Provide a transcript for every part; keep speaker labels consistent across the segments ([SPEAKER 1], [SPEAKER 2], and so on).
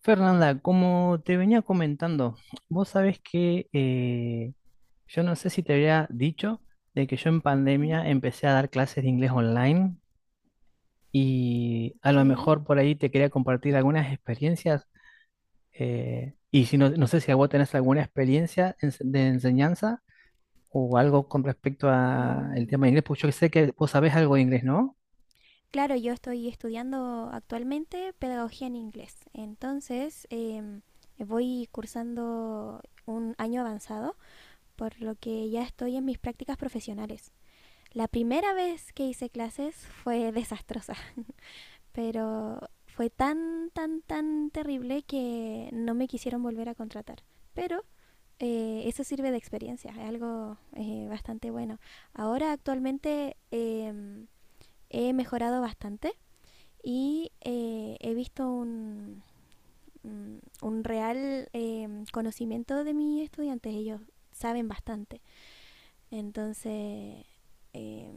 [SPEAKER 1] Fernanda, como te venía comentando, vos sabés que yo no sé si te había dicho de que yo en
[SPEAKER 2] Ujú.
[SPEAKER 1] pandemia empecé a dar clases de inglés online y a
[SPEAKER 2] Ok.
[SPEAKER 1] lo mejor por ahí te quería compartir algunas experiencias y si no, no sé si a vos tenés alguna experiencia de enseñanza o algo con respecto al
[SPEAKER 2] Mm.
[SPEAKER 1] tema de inglés, pues yo sé que vos sabés algo de inglés, ¿no?
[SPEAKER 2] Claro, yo estoy estudiando actualmente pedagogía en inglés. Entonces, voy cursando un año avanzado, por lo que ya estoy en mis prácticas profesionales. La primera vez que hice clases fue desastrosa, pero fue tan, tan, tan terrible que no me quisieron volver a contratar. Pero eso sirve de experiencia, es algo bastante bueno. Ahora actualmente, he mejorado bastante y he visto un real conocimiento de mis estudiantes. Ellos saben bastante. Entonces, eh,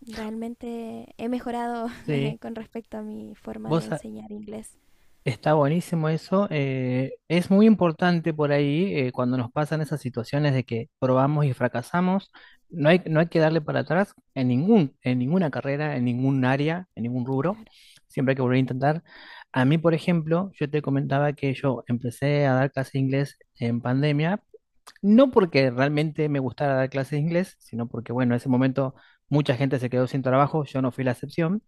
[SPEAKER 2] realmente he mejorado
[SPEAKER 1] Sí.
[SPEAKER 2] con respecto a mi forma de
[SPEAKER 1] ¿Vos,
[SPEAKER 2] enseñar inglés.
[SPEAKER 1] Está buenísimo eso. Es muy importante por ahí cuando nos pasan esas situaciones de que probamos y fracasamos. No hay que darle para atrás en en ninguna carrera, en ningún área, en ningún rubro.
[SPEAKER 2] Claro.
[SPEAKER 1] Siempre hay que volver a intentar. A mí, por ejemplo, yo te comentaba que yo empecé a dar clases de inglés en pandemia, no porque realmente me gustara dar clases de inglés, sino porque, bueno, en ese momento mucha gente se quedó sin trabajo, yo no fui la excepción.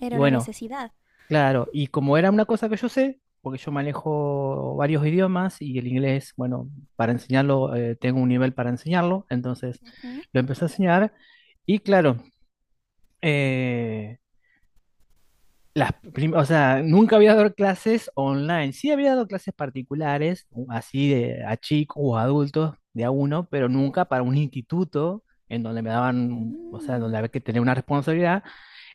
[SPEAKER 2] Era
[SPEAKER 1] Y
[SPEAKER 2] una
[SPEAKER 1] bueno,
[SPEAKER 2] necesidad.
[SPEAKER 1] claro, y como era una cosa que yo sé, porque yo manejo varios idiomas y el inglés, bueno, para enseñarlo, tengo un nivel para enseñarlo, entonces
[SPEAKER 2] Ujú.
[SPEAKER 1] lo empecé a enseñar y claro, eh, o sea, nunca había dado clases online, sí había dado clases particulares, así de, a chicos o adultos, de a uno, pero nunca para un instituto en donde me daban, o sea,
[SPEAKER 2] Mm.
[SPEAKER 1] donde había que tener una responsabilidad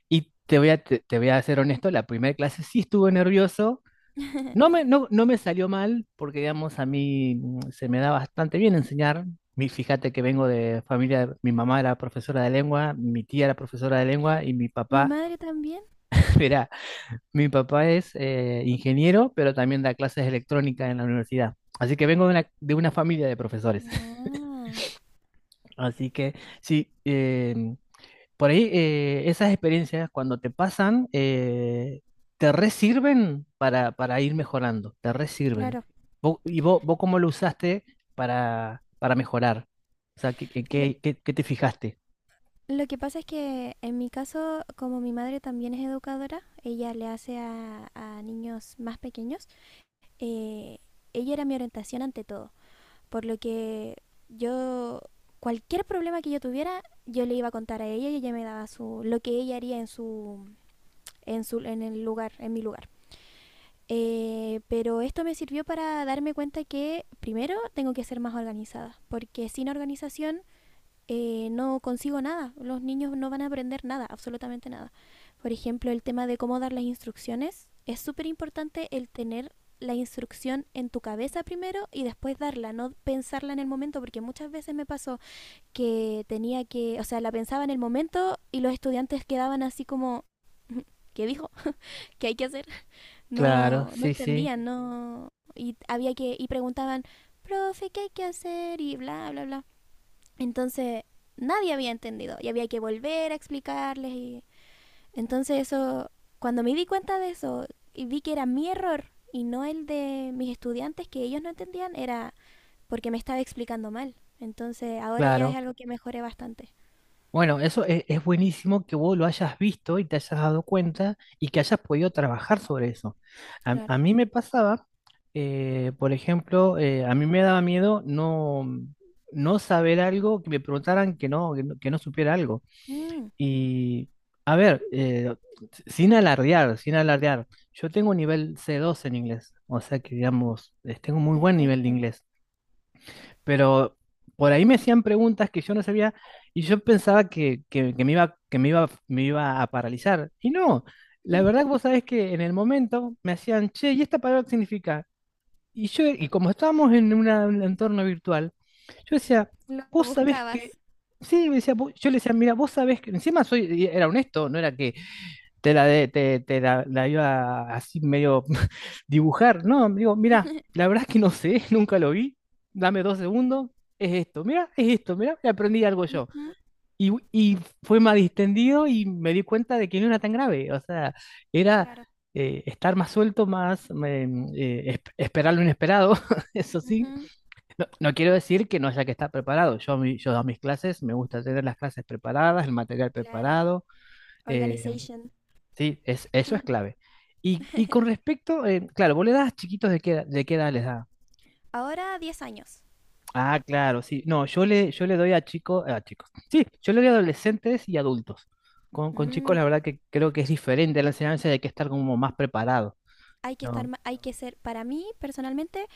[SPEAKER 1] y te voy a ser honesto, la primera clase sí estuve nervioso. No me salió mal, porque digamos, a mí se me da bastante bien enseñar. Fíjate que vengo de familia, mi mamá era profesora de lengua, mi tía era profesora de lengua y mi
[SPEAKER 2] Mi
[SPEAKER 1] papá,
[SPEAKER 2] madre también.
[SPEAKER 1] era, mi papá es ingeniero, pero también da clases de electrónica en la universidad. Así que vengo de una familia de profesores.
[SPEAKER 2] Guau.
[SPEAKER 1] Así que sí, por ahí esas experiencias cuando te pasan, te resirven para ir mejorando, te resirven.
[SPEAKER 2] Claro.
[SPEAKER 1] ¿Y vos, vos cómo lo usaste para mejorar? O sea,
[SPEAKER 2] Lo-
[SPEAKER 1] qué te fijaste?
[SPEAKER 2] Lo que pasa es que en mi caso, como mi madre también es educadora, ella le hace a niños más pequeños. Eh, ella era mi orientación ante todo, por lo que yo, cualquier problema que yo tuviera, yo le iba a contar a ella, y ella me daba lo que ella haría en en el lugar, en mi lugar. Pero esto me sirvió para darme cuenta que primero tengo que ser más organizada, porque sin organización no consigo nada. Los niños no van a aprender nada, absolutamente nada. Por ejemplo, el tema de cómo dar las instrucciones. Es súper importante el tener la instrucción en tu cabeza primero y después darla, no pensarla en el momento, porque muchas veces me pasó o sea, la pensaba en el momento y los estudiantes quedaban así como, ¿qué dijo? ¿Qué hay que hacer?
[SPEAKER 1] Claro,
[SPEAKER 2] No, no
[SPEAKER 1] sí, sí,
[SPEAKER 2] entendían, no, y preguntaban, profe, ¿qué hay que hacer? Y bla, bla, bla. Entonces nadie había entendido y había que volver a explicarles, y entonces eso, cuando me di cuenta de eso y vi que era mi error y no el de mis estudiantes, que ellos no entendían, era porque me estaba explicando mal. Entonces ahora ya es
[SPEAKER 1] claro.
[SPEAKER 2] algo que mejoré bastante.
[SPEAKER 1] Bueno, eso es buenísimo que vos lo hayas visto y te hayas dado cuenta y que hayas podido trabajar sobre eso. A
[SPEAKER 2] Claro.
[SPEAKER 1] mí me pasaba, por ejemplo, a mí me daba miedo no, no saber algo, que me preguntaran que no, que no, que no supiera algo.
[SPEAKER 2] Mm,
[SPEAKER 1] Y, a ver, sin alardear, sin alardear, yo tengo un nivel C2 en inglés, o sea que, digamos, tengo muy buen nivel de
[SPEAKER 2] perfecto.
[SPEAKER 1] inglés, pero por ahí me hacían preguntas que yo no sabía y yo pensaba que, que me iba, me iba a paralizar. Y no, la verdad que vos sabés que en el momento me hacían, che, ¿y esta palabra qué significa? Y yo, y como estábamos en un entorno virtual, yo decía,
[SPEAKER 2] Lo
[SPEAKER 1] vos sabés que,
[SPEAKER 2] buscabas.
[SPEAKER 1] sí, me decía, "vos-". Yo le decía, mira, vos sabés que, encima soy, y era honesto, no era que te la, de- te la, la iba así medio dibujar, no, digo, mira, la verdad es que no sé, nunca lo vi, dame dos segundos, es esto, mira, y aprendí algo yo.
[SPEAKER 2] Ujú.
[SPEAKER 1] Y fue más distendido y me di cuenta de que no era tan grave, o sea, era
[SPEAKER 2] Claro.
[SPEAKER 1] estar más suelto, más esperar lo inesperado, eso sí.
[SPEAKER 2] Ujú.
[SPEAKER 1] No, no quiero decir que no haya que estar preparado, yo, yo a mis clases me gusta tener las clases preparadas, el material
[SPEAKER 2] Claro.
[SPEAKER 1] preparado, eh,
[SPEAKER 2] Organization.
[SPEAKER 1] sí, es, eso es clave. Y con respecto, claro, vos le das chiquitos de qué edad les da.
[SPEAKER 2] Ahora 10 años.
[SPEAKER 1] Ah, claro, sí. No, yo le doy a chicos, a chicos. Sí, yo le doy a adolescentes y adultos. Con chicos,
[SPEAKER 2] Mm,
[SPEAKER 1] la verdad que creo que es diferente la enseñanza, hay que estar como más preparado,
[SPEAKER 2] Hay que estar,
[SPEAKER 1] ¿no?
[SPEAKER 2] hay que ser, para mí personalmente,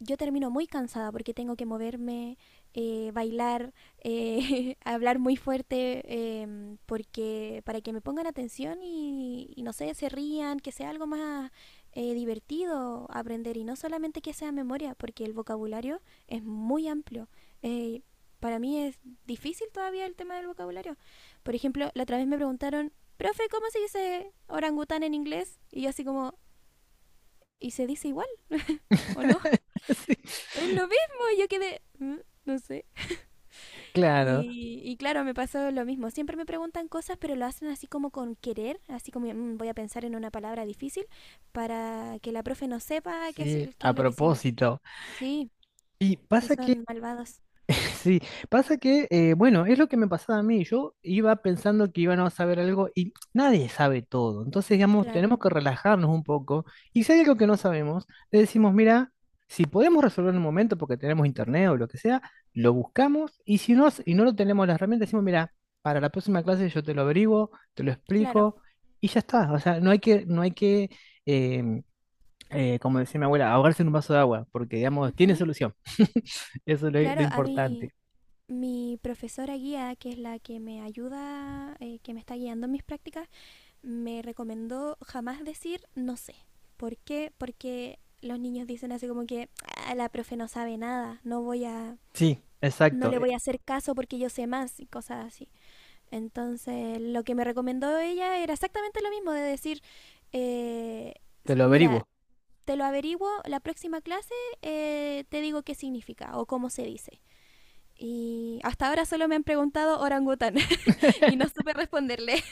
[SPEAKER 2] yo termino muy cansada porque tengo que moverme, bailar, hablar muy fuerte, porque para que me pongan atención y no sé, se rían, que sea algo más divertido aprender y no solamente que sea memoria, porque el vocabulario es muy amplio. Eh, para mí es difícil todavía el tema del vocabulario. Por ejemplo, la otra vez me preguntaron, profe, ¿cómo se dice orangután en inglés? Y yo así como, ¿y se dice igual o no? Es
[SPEAKER 1] Sí,
[SPEAKER 2] lo mismo, yo quedé, "Mm, no sé".
[SPEAKER 1] claro,
[SPEAKER 2] Y claro, me pasó lo mismo. Siempre me preguntan cosas, pero lo hacen así como con querer, así como, "Mm, voy a pensar en una palabra difícil para que la profe no sepa qué es,
[SPEAKER 1] sí,
[SPEAKER 2] qué es
[SPEAKER 1] a
[SPEAKER 2] lo que significa".
[SPEAKER 1] propósito.
[SPEAKER 2] Sí,
[SPEAKER 1] Y
[SPEAKER 2] sí,
[SPEAKER 1] pasa que
[SPEAKER 2] son malvados.
[SPEAKER 1] sí, pasa que, bueno, es lo que me pasaba a mí. Yo iba pensando que íbamos a saber algo y nadie sabe todo. Entonces, digamos, tenemos
[SPEAKER 2] Claro.
[SPEAKER 1] que relajarnos un poco. Y si hay algo que no sabemos, le decimos, mira, si podemos resolver en un momento porque tenemos internet o lo que sea, lo buscamos. Y si no, y
[SPEAKER 2] Ujú.
[SPEAKER 1] no lo tenemos las herramientas, decimos, mira, para la próxima clase yo te lo averiguo, te lo
[SPEAKER 2] Claro.
[SPEAKER 1] explico y ya está. O sea, no hay que, em, como decía mi abuela, ahogarse en un vaso de agua porque, digamos, tiene
[SPEAKER 2] Ujú.
[SPEAKER 1] solución. Eso es lo
[SPEAKER 2] Claro, a mí,
[SPEAKER 1] importante.
[SPEAKER 2] mi profesora guía, que es la que me ayuda, que me está guiando en mis prácticas, me recomendó jamás decir no sé. ¿Por qué? Porque los niños dicen así como que, "Ah, la profe no sabe nada,
[SPEAKER 1] Sí,
[SPEAKER 2] no
[SPEAKER 1] exacto,
[SPEAKER 2] le voy a hacer caso porque yo sé más" y cosas así. Entonces, lo que me recomendó ella era exactamente lo mismo de decir, eh,
[SPEAKER 1] te lo
[SPEAKER 2] mira,
[SPEAKER 1] averiguo.
[SPEAKER 2] te lo averiguo la próxima clase, te digo qué significa o cómo se dice. Y hasta ahora solo me han preguntado orangután y no supe responderle.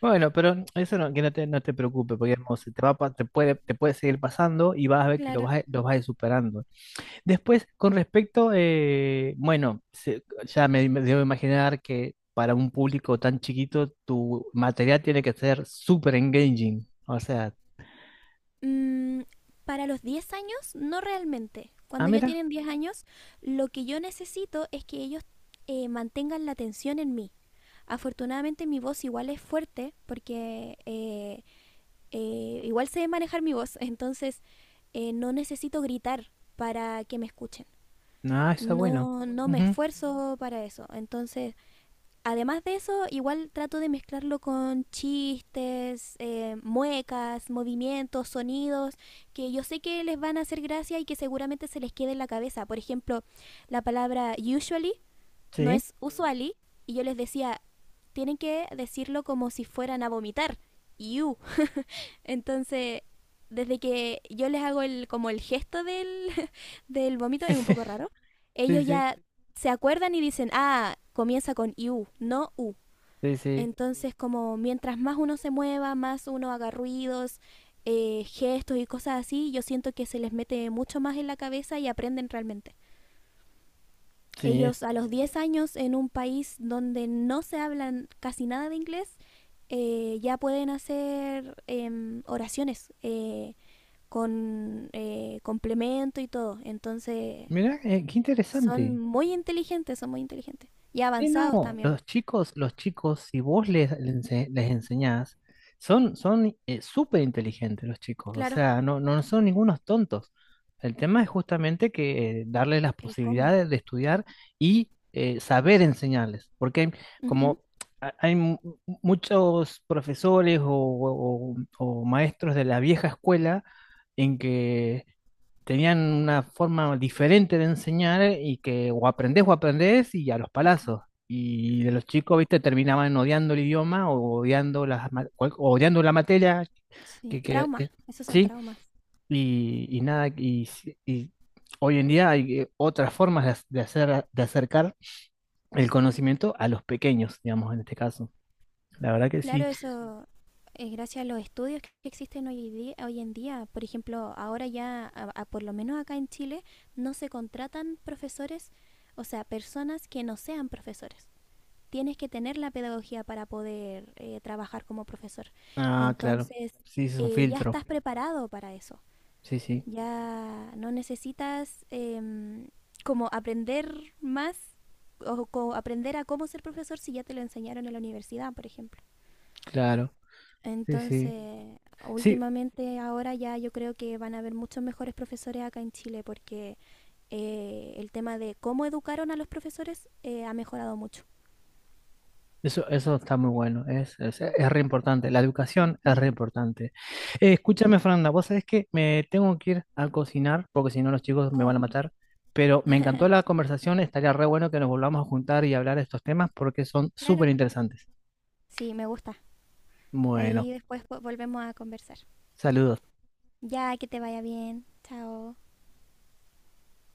[SPEAKER 1] Bueno, pero eso no, que no te, no te preocupes, porque digamos, se te va, te puede seguir pasando y vas a ver que lo
[SPEAKER 2] Claro.
[SPEAKER 1] vas, lo vas a ir superando. Después, con respecto, bueno, ya me debo imaginar que para un público tan chiquito tu material tiene que ser super engaging. O sea,
[SPEAKER 2] Mm, para los 10 años, no realmente.
[SPEAKER 1] ah,
[SPEAKER 2] Cuando ya
[SPEAKER 1] mira,
[SPEAKER 2] tienen 10 años, lo que yo necesito es que ellos mantengan la atención en mí. Afortunadamente mi voz igual es fuerte, porque igual sé manejar mi voz, entonces no necesito gritar para que me escuchen.
[SPEAKER 1] no, está bueno.
[SPEAKER 2] No, no me
[SPEAKER 1] Ujú,
[SPEAKER 2] esfuerzo para eso. Además de eso, igual trato de mezclarlo con chistes, muecas, movimientos, sonidos, que yo sé que les van a hacer gracia y que seguramente se les quede en la cabeza. Por ejemplo, la palabra usually no
[SPEAKER 1] sí,
[SPEAKER 2] es usually, y yo les decía, tienen que decirlo como si fueran a vomitar. You. Entonces, desde que yo les hago el, como el gesto del, del vómito,
[SPEAKER 1] sí,
[SPEAKER 2] es un poco raro,
[SPEAKER 1] sí,
[SPEAKER 2] ellos
[SPEAKER 1] sí,
[SPEAKER 2] ya se acuerdan y dicen, ah, comienza con you, no u.
[SPEAKER 1] sí, sí,
[SPEAKER 2] Entonces, como mientras más uno se mueva, más uno haga ruidos, gestos y cosas así, yo siento que se les mete mucho más en la cabeza y aprenden realmente.
[SPEAKER 1] sí.
[SPEAKER 2] Ellos a los 10 años, en un país donde no se hablan casi nada de inglés, ya pueden hacer oraciones con complemento y todo. Entonces
[SPEAKER 1] Mira, qué
[SPEAKER 2] son
[SPEAKER 1] interesante.
[SPEAKER 2] muy inteligentes, son muy inteligentes. Y
[SPEAKER 1] Sí,
[SPEAKER 2] avanzados
[SPEAKER 1] no,
[SPEAKER 2] también.
[SPEAKER 1] los chicos, si vos les, les enseñás, son, son súper inteligentes los chicos, o
[SPEAKER 2] Claro,
[SPEAKER 1] sea, no, no son ningunos tontos. El tema es justamente que darles las
[SPEAKER 2] el cómo.
[SPEAKER 1] posibilidades de estudiar y saber enseñarles, porque hay- como ha- hay mu- muchos profesores o maestros de la vieja escuela en que tenían una forma diferente de enseñar y que o aprendés y a los
[SPEAKER 2] Ujú.
[SPEAKER 1] palazos. Y de los chicos, viste, terminaban odiando el idioma o odiando, o odiando la materia,
[SPEAKER 2] Sí,
[SPEAKER 1] que, que- que-
[SPEAKER 2] traumas, esos son
[SPEAKER 1] sí,
[SPEAKER 2] traumas.
[SPEAKER 1] y nada, y, si- y hoy en día hay otras formas de, de hacer, de acercar el conocimiento a los pequeños, digamos, en este caso. La verdad que
[SPEAKER 2] Claro,
[SPEAKER 1] sí.
[SPEAKER 2] eso es gracias a los estudios que existen hoy, hoy en día. Por ejemplo, ahora ya, por lo menos acá en Chile, no se contratan profesores, o sea, personas que no sean profesores. Tienes que tener la pedagogía para poder trabajar como profesor.
[SPEAKER 1] Ah, claro,
[SPEAKER 2] Entonces,
[SPEAKER 1] sí, es un
[SPEAKER 2] ya
[SPEAKER 1] filtro,
[SPEAKER 2] estás preparado para eso.
[SPEAKER 1] sí, sí,
[SPEAKER 2] Ya no necesitas como aprender más, o aprender a cómo ser profesor si ya te lo enseñaron en la universidad, por ejemplo.
[SPEAKER 1] claro, sí, sí.
[SPEAKER 2] Entonces,
[SPEAKER 1] Sí,
[SPEAKER 2] últimamente ahora ya yo creo que van a haber muchos mejores profesores acá en Chile, porque el tema de cómo educaron a los profesores ha mejorado mucho.
[SPEAKER 1] eso está muy bueno, es re importante, la educación es
[SPEAKER 2] Ujú.
[SPEAKER 1] re importante.
[SPEAKER 2] Sí.
[SPEAKER 1] Escúchame, Fernanda, vos sabés que me tengo que ir a cocinar, porque si no los chicos me
[SPEAKER 2] Oh,
[SPEAKER 1] van a matar, pero me encantó la conversación, estaría re bueno que nos volvamos a juntar y hablar de estos temas porque son
[SPEAKER 2] claro.
[SPEAKER 1] súper interesantes.
[SPEAKER 2] Sí, me gusta.
[SPEAKER 1] Bueno,
[SPEAKER 2] Ahí después volvemos a conversar.
[SPEAKER 1] saludos.
[SPEAKER 2] Ya, que te vaya bien. Chao.